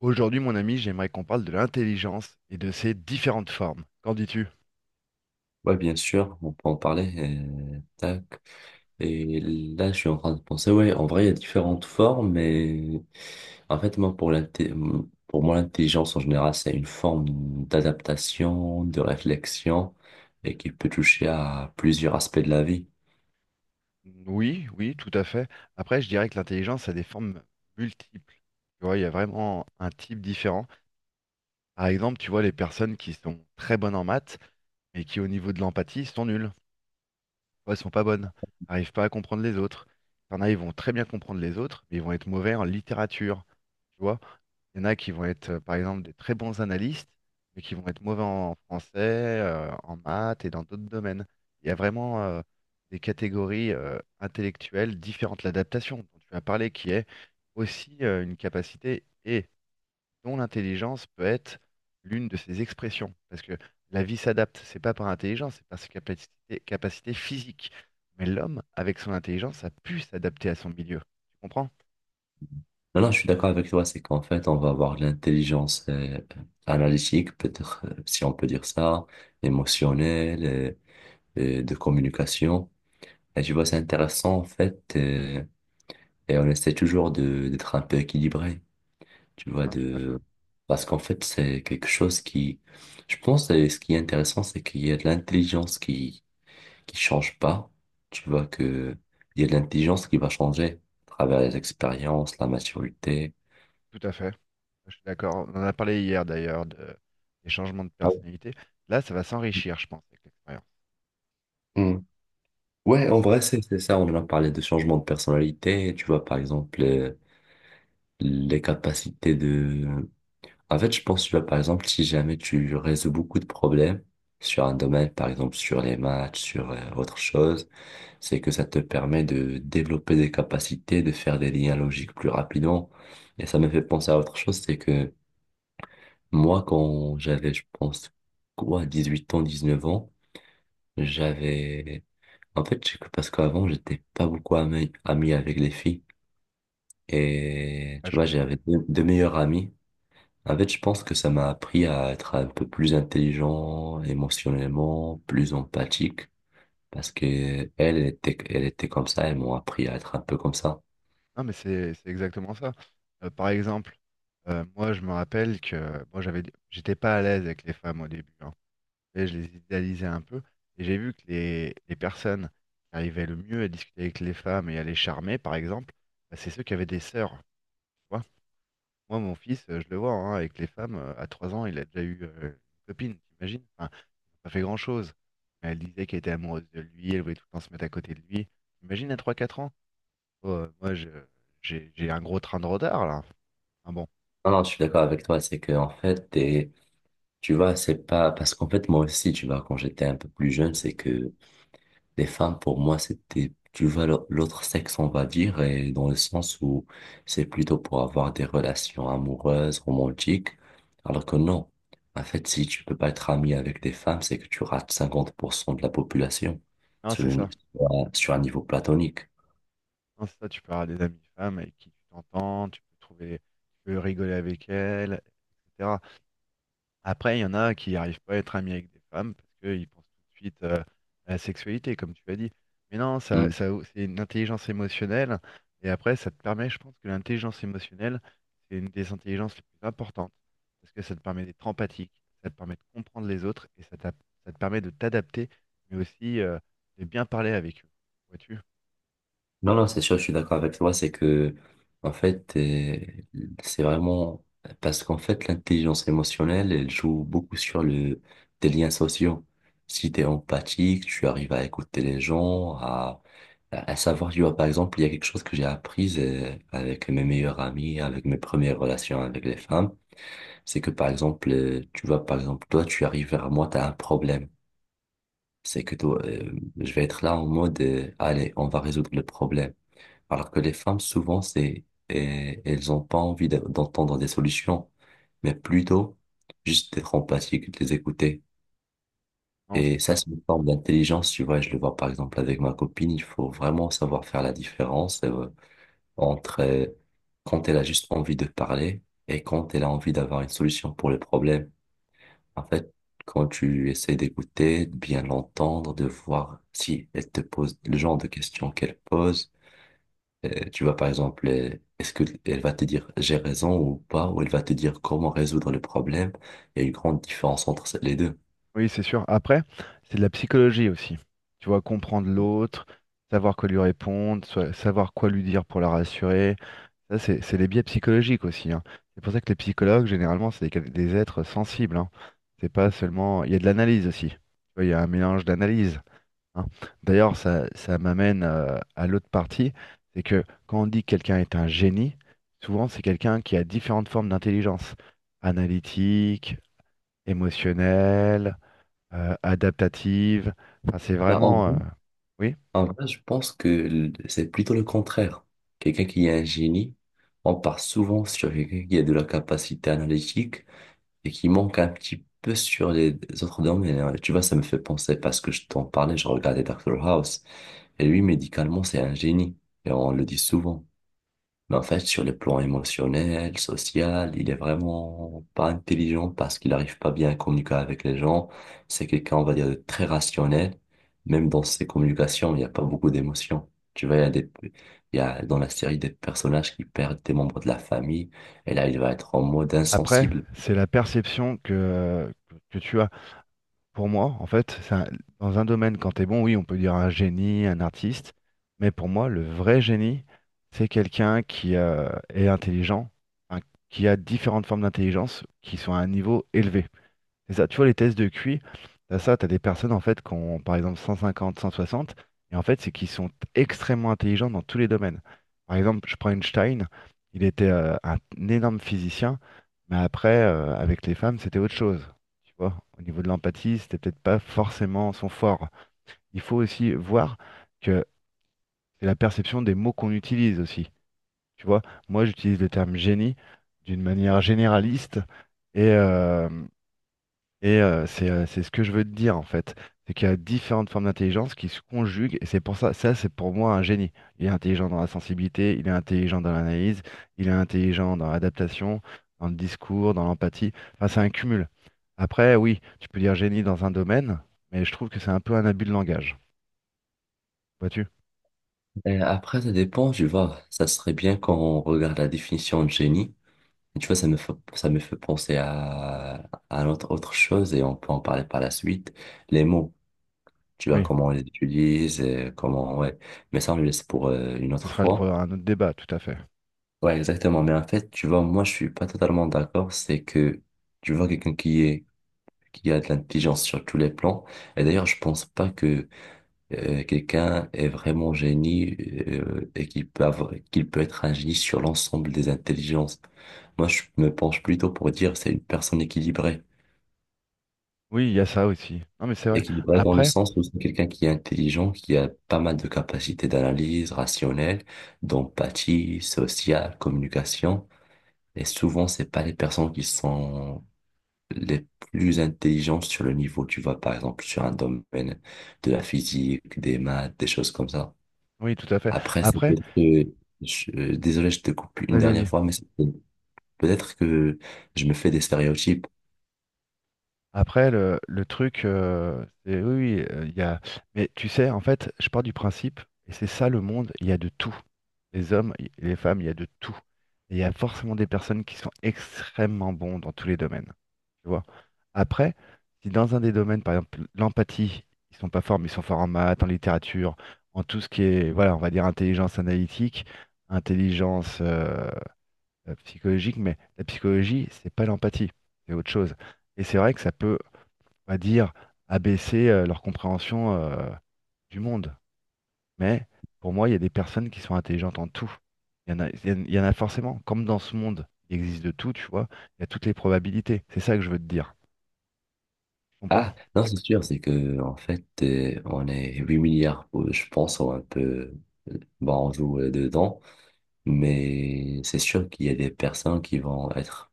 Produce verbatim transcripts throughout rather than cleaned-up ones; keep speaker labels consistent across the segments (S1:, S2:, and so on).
S1: Aujourd'hui, mon ami, j'aimerais qu'on parle de l'intelligence et de ses différentes formes. Qu'en dis-tu?
S2: Ouais, bien sûr, on peut en parler. Euh, tac. Et là, je suis en train de penser, ouais, en vrai, il y a différentes formes, mais en fait, moi, pour l'inté- pour moi, l'intelligence en général, c'est une forme d'adaptation, de réflexion, et qui peut toucher à plusieurs aspects de la vie.
S1: Oui, oui, tout à fait. Après, je dirais que l'intelligence a des formes multiples. Tu vois, il y a vraiment un type différent. Par exemple, tu vois les personnes qui sont très bonnes en maths, mais qui au niveau de l'empathie sont nulles. Ou elles sont pas bonnes, n'arrivent pas à comprendre les autres. Il y en a, ils vont très bien comprendre les autres, mais ils vont être mauvais en littérature. Tu vois, il y en a qui vont être, euh, par exemple, des très bons analystes, mais qui vont être mauvais en français, euh, en maths et dans d'autres domaines. Il y a vraiment euh, des catégories euh, intellectuelles différentes. L'adaptation dont tu as parlé, qui est aussi euh, une capacité et dont l'intelligence peut être l'une de ses expressions. Parce que la vie s'adapte, c'est pas par intelligence, c'est par ses capacités, capacités physiques. Mais l'homme, avec son intelligence, a pu s'adapter à son milieu. Tu comprends?
S2: Non, non, je suis d'accord avec toi, c'est qu'en fait, on va avoir de l'intelligence euh, analytique, peut-être, euh, si on peut dire ça, émotionnelle, euh, euh, de communication. Et tu vois, c'est intéressant, en fait. euh, Et on essaie toujours de d'être un peu équilibré, tu vois,
S1: Hein, tout à fait.
S2: de parce qu'en fait, c'est quelque chose qui je pense, et ce qui est intéressant, c'est qu'il y a de l'intelligence qui qui change pas. Tu vois que il y a de l'intelligence qui va changer à travers les expériences, la maturité.
S1: Tout à fait. Je suis d'accord. On en a parlé hier d'ailleurs de- des changements de
S2: Ah oui.
S1: personnalité. Là, ça va s'enrichir, je pense, avec l'expérience.
S2: Mm. Ouais,
S1: Hein,
S2: en vrai, c'est c'est ça, on en a parlé de changement de personnalité, tu vois, par exemple, euh, les capacités de en fait, je pense, tu vois, par exemple, si jamais tu résous beaucoup de problèmes sur un domaine, par exemple sur les maths, sur euh, autre chose, c'est que ça te permet de développer des capacités, de faire des liens logiques plus rapidement. Et ça me fait penser à autre chose, c'est que moi, quand j'avais, je pense, quoi, dix-huit ans, dix-neuf ans, j'avais... En fait, c'est que parce qu'avant, j'étais pas beaucoup ami, ami avec les filles. Et
S1: ah,
S2: tu
S1: je
S2: vois,
S1: vois.
S2: j'avais deux, deux meilleurs amis. En fait, je pense que ça m'a appris à être un peu plus intelligent émotionnellement, plus empathique, parce que elle elle était, elle était comme ça, elles m'ont appris à être un peu comme ça.
S1: Non, mais c'est c'est exactement ça. Euh, par exemple, euh, moi, je me rappelle que moi, j'avais, j'étais pas à l'aise avec les femmes au début, hein. Et je les idéalisais un peu. Et j'ai vu que les, les personnes qui arrivaient le mieux à discuter avec les femmes et à les charmer, par exemple, bah, c'est ceux qui avaient des sœurs, tu vois. Moi, mon fils, euh, je le vois hein, avec les femmes, euh, à trois ans, il a déjà eu euh, une copine, t'imagines? Enfin, pas fait grand-chose. Mais elle disait qu'elle était amoureuse de lui, elle voulait tout le temps se mettre à côté de lui. Imagine à trois quatre ans. Oh, euh, moi, je- j'ai j'ai un gros train de retard, là. Ah bon.
S2: Non, non, je suis d'accord avec toi, c'est que en fait, t'es- tu vois, c'est pas parce qu'en fait moi aussi, tu vois, quand j'étais un peu plus jeune, c'est que les femmes, pour moi, c'était, tu vois, l'au- l'autre sexe, on va dire, et dans le sens où c'est plutôt pour avoir des relations amoureuses, romantiques, alors que non. En fait, si tu peux pas être ami avec des femmes, c'est que tu rates cinquante pour cent de la population
S1: Non,
S2: sur,
S1: c'est
S2: une-
S1: ça.
S2: sur un sur un niveau platonique.
S1: Non, c'est ça, tu peux avoir des amis femmes avec qui tu t'entends, tu peux trouver, tu peux rigoler avec elles, et cetera. Après, il y en a qui n'arrivent pas à être amis avec des femmes parce qu'ils pensent tout de suite euh, à la sexualité, comme tu as dit. Mais non, ça,
S2: Hmm.
S1: ça, c'est une intelligence émotionnelle. Et après, ça te permet, je pense que l'intelligence émotionnelle, c'est une des intelligences les plus importantes parce que ça te permet d'être empathique, ça te permet de comprendre les autres et ça, t'a- ça te permet de t'adapter, mais aussi euh, de bien parler avec eux. Vois-tu?
S2: Non, non, c'est sûr, je suis d'accord avec toi, c'est que, en fait, euh, c'est vraiment, parce qu'en fait, l'intelligence émotionnelle, elle joue beaucoup sur le, des liens sociaux. Si t'es empathique, tu arrives à écouter les gens, à, à à savoir, tu vois, par exemple, il y a quelque chose que j'ai appris euh, avec mes meilleurs amis, avec mes premières relations avec les femmes, c'est que, par exemple, euh, tu vois, par exemple, toi, tu arrives vers moi, t'as un problème. C'est que toi, euh, je vais être là en mode, euh, allez, on va résoudre le problème. Alors que les femmes, souvent, c'est, et- elles ont pas envie d'a- d'entendre des solutions, mais plutôt juste d'être empathique, de les écouter.
S1: Non, c'est
S2: Et ça,
S1: ça.
S2: c'est une forme d'intelligence, tu vois. Je le vois par exemple avec ma copine, il faut vraiment savoir faire la différence euh, entre euh, quand elle a juste envie de parler et quand elle a envie d'avoir une solution pour le problème. En fait, quand tu essaies d'écouter, de bien l'entendre, de voir si elle te pose le genre de questions qu'elle pose, euh, tu vois, par exemple, euh, est-ce que elle va te dire j'ai raison ou pas, ou elle va te dire comment résoudre le problème? Il y a une grande différence entre ces- les deux.
S1: Oui, c'est sûr. Après, c'est de la psychologie aussi. Tu vois, comprendre l'autre, savoir quoi lui répondre, soi- savoir quoi lui dire pour la rassurer. Ça, c'est c'est les biais psychologiques aussi, hein. C'est pour ça que les psychologues, généralement, c'est des, quel- des êtres sensibles, hein. C'est pas seulement. Il y a de l'analyse aussi. Tu vois, il y a un mélange d'analyse, hein. D'ailleurs, ça, ça m'amène euh, à l'autre partie. C'est que quand on dit que quelqu'un est un génie, souvent, c'est quelqu'un qui a différentes formes d'intelligence. Analytique, émotionnelle euh, adaptative. Enfin, c'est
S2: Bah, en
S1: vraiment.
S2: vrai,
S1: euh, Oui.
S2: en vrai, je pense que l- c'est plutôt le contraire. Quelqu'un qui est un génie, on part souvent sur quelqu'un qui a de la capacité analytique et qui manque un petit peu sur les autres domaines, hein. Tu vois, ça me fait penser, parce que je t'en parlais, je regardais Doctor House et lui, médicalement, c'est un génie et on le dit souvent. Mais en fait, sur le plan émotionnel, social, il est vraiment pas intelligent parce qu'il n'arrive pas bien à communiquer avec les gens. C'est quelqu'un, on va dire, de très rationnel. Même dans ses communications, il n'y a pas beaucoup d'émotions. Tu vois, il y a des, il y a dans la série des personnages qui perdent des membres de la famille. Et là, il va être en mode
S1: Après,
S2: insensible.
S1: c'est la perception que, euh, que tu as. Pour moi, en fait, c'est un- dans un domaine, quand tu es bon, oui, on peut dire un génie, un artiste. Mais pour moi, le vrai génie, c'est quelqu'un qui euh, est intelligent, hein, qui a différentes formes d'intelligence qui sont à un niveau élevé. C'est ça, tu vois, les tests de Q I, t'as ça, t'as des personnes en fait qui ont par exemple cent cinquante, cent soixante, et en fait, c'est qu'ils sont extrêmement intelligents dans tous les domaines. Par exemple, je prends Einstein, il était euh, un, un énorme physicien, mais après, euh, avec les femmes, c'était autre chose. Tu vois, au niveau de l'empathie, c'était peut-être pas forcément son fort. Il faut aussi voir que c'est la perception des mots qu'on utilise aussi. Tu vois, moi, j'utilise le terme génie d'une manière généraliste. Et, euh, et euh, c'est euh, c'est ce que je veux te dire en fait, c'est qu'il y a différentes formes d'intelligence qui se conjuguent et c'est pour ça, ça c'est pour moi un génie. Il est intelligent dans la sensibilité, il est intelligent dans l'analyse, il est intelligent dans l'adaptation, dans le discours, dans l'empathie. Enfin, c'est un cumul. Après, oui, tu peux dire génie dans un domaine, mais je trouve que c'est un peu un abus de langage. Vois-tu?
S2: Et après, ça dépend, tu vois. Ça serait bien quand on regarde la définition de génie. Et tu vois, ça me fait, ça me fait penser à, à autre, autre chose, et on peut en parler par la suite. Les mots, tu vois
S1: Oui,
S2: comment on les utilise et comment, ouais. Mais ça, on le laisse pour euh, une
S1: ce
S2: autre
S1: sera le- pour
S2: fois.
S1: un autre débat, tout à fait.
S2: Ouais, exactement. Mais en fait, tu vois, moi, je suis pas totalement d'accord. C'est que, tu vois, quelqu'un qui est, qui a de l'intelligence sur tous les plans. Et d'ailleurs, je pense pas que euh, quelqu'un est vraiment génie euh, et qu'il peut avoir- qu'il peut être un génie sur l'ensemble des intelligences. Moi, je me penche plutôt pour dire c'est une personne équilibrée.
S1: Oui, il y a ça aussi. Non, mais c'est vrai.
S2: Équilibré dans le
S1: Après,
S2: sens où c'est quelqu'un qui est intelligent, qui a pas mal de capacités d'analyse rationnelle, d'empathie, sociale, communication. Et souvent, c'est pas les personnes qui sont les plus intelligentes sur le niveau, tu vois, par exemple, sur un domaine de la physique, des maths, des choses comme ça.
S1: oui, tout à fait.
S2: Après, c'est
S1: Après,
S2: peut-être que, je- euh, désolé, je te coupe une
S1: vas-y,
S2: dernière
S1: vas-y.
S2: fois, mais c'est peut-être que je me fais des stéréotypes.
S1: Après, le, le truc, euh, c'est oui, oui, euh, il y a. Mais tu sais, en fait, je pars du principe, et c'est ça le monde, il y a de tout. Les hommes, il- les femmes, il y a de tout. Et il y a forcément des personnes qui sont extrêmement bons dans tous les domaines. Tu vois. Après, si dans un des domaines, par exemple, l'empathie, ils sont pas forts, mais ils sont forts en maths, en littérature, en tout ce qui est, voilà, on va dire intelligence analytique, intelligence euh, psychologique, mais la psychologie, c'est pas l'empathie, c'est autre chose. Et c'est vrai que ça peut on va dire, abaisser euh, leur compréhension euh, du monde. Mais pour moi, il y a des personnes qui sont intelligentes en tout. Il y en a, il y en il y en a forcément. Comme dans ce monde, il existe de tout, tu vois. Il y a toutes les probabilités. C'est ça que je veux te dire. Tu comprends?
S2: Ah, non, c'est sûr, c'est que, en fait, euh, on est huit milliards, euh, je pense, ou un peu, euh, bon, on joue euh, dedans, mais c'est sûr qu'il y a des personnes qui vont être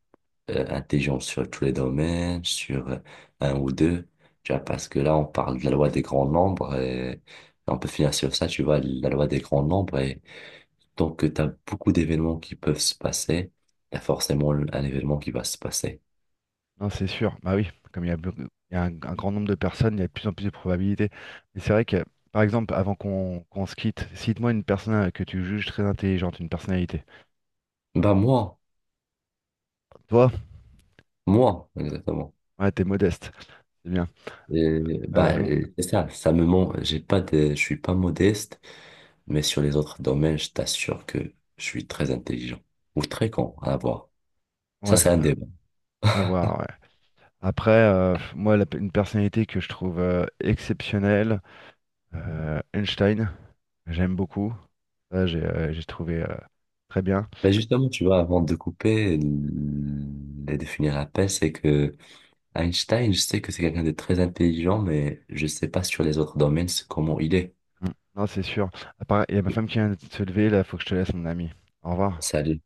S2: euh, intelligentes sur tous les domaines, sur euh, un ou deux, tu vois, parce que là, on parle de la loi des grands nombres, et on peut finir sur ça, tu vois, la loi des grands nombres, et donc, euh, tu as beaucoup d'événements qui peuvent se passer, t'as forcément un événement qui va se passer.
S1: Non, c'est sûr. Bah oui, comme il y a, beaucoup- il y a un, un grand nombre de personnes, il y a de plus en plus de probabilités. Mais c'est vrai que, par exemple, avant qu'on qu'on se quitte, cite-moi une personne euh, que tu juges très intelligente, une personnalité.
S2: Bah, moi,
S1: Toi,
S2: moi, exactement.
S1: ouais, t'es modeste. C'est bien.
S2: Euh,
S1: Euh,
S2: bah,
S1: mon-
S2: euh, c'est ça, ça me ment. J'ai pas de, je suis pas modeste, mais sur les autres domaines, je t'assure que je suis très intelligent ou très con à avoir. Ça,
S1: ouais,
S2: c'est un
S1: à
S2: débat.
S1: à voir. Ouais. Après, euh, moi, la une personnalité que je trouve euh, exceptionnelle, euh, Einstein, j'aime beaucoup. Ça, j'ai euh, j'ai trouvé euh, très bien.
S2: Ben justement, tu vois, avant de couper mm, et de finir l'appel, c'est que Einstein, je sais que c'est quelqu'un de très intelligent, mais je sais pas sur les autres domaines c'est comment il est.
S1: Mm. Non, c'est sûr. À part- Il y a ma femme qui vient de se lever, là, faut que je te laisse, mon ami. Au revoir.
S2: Salut.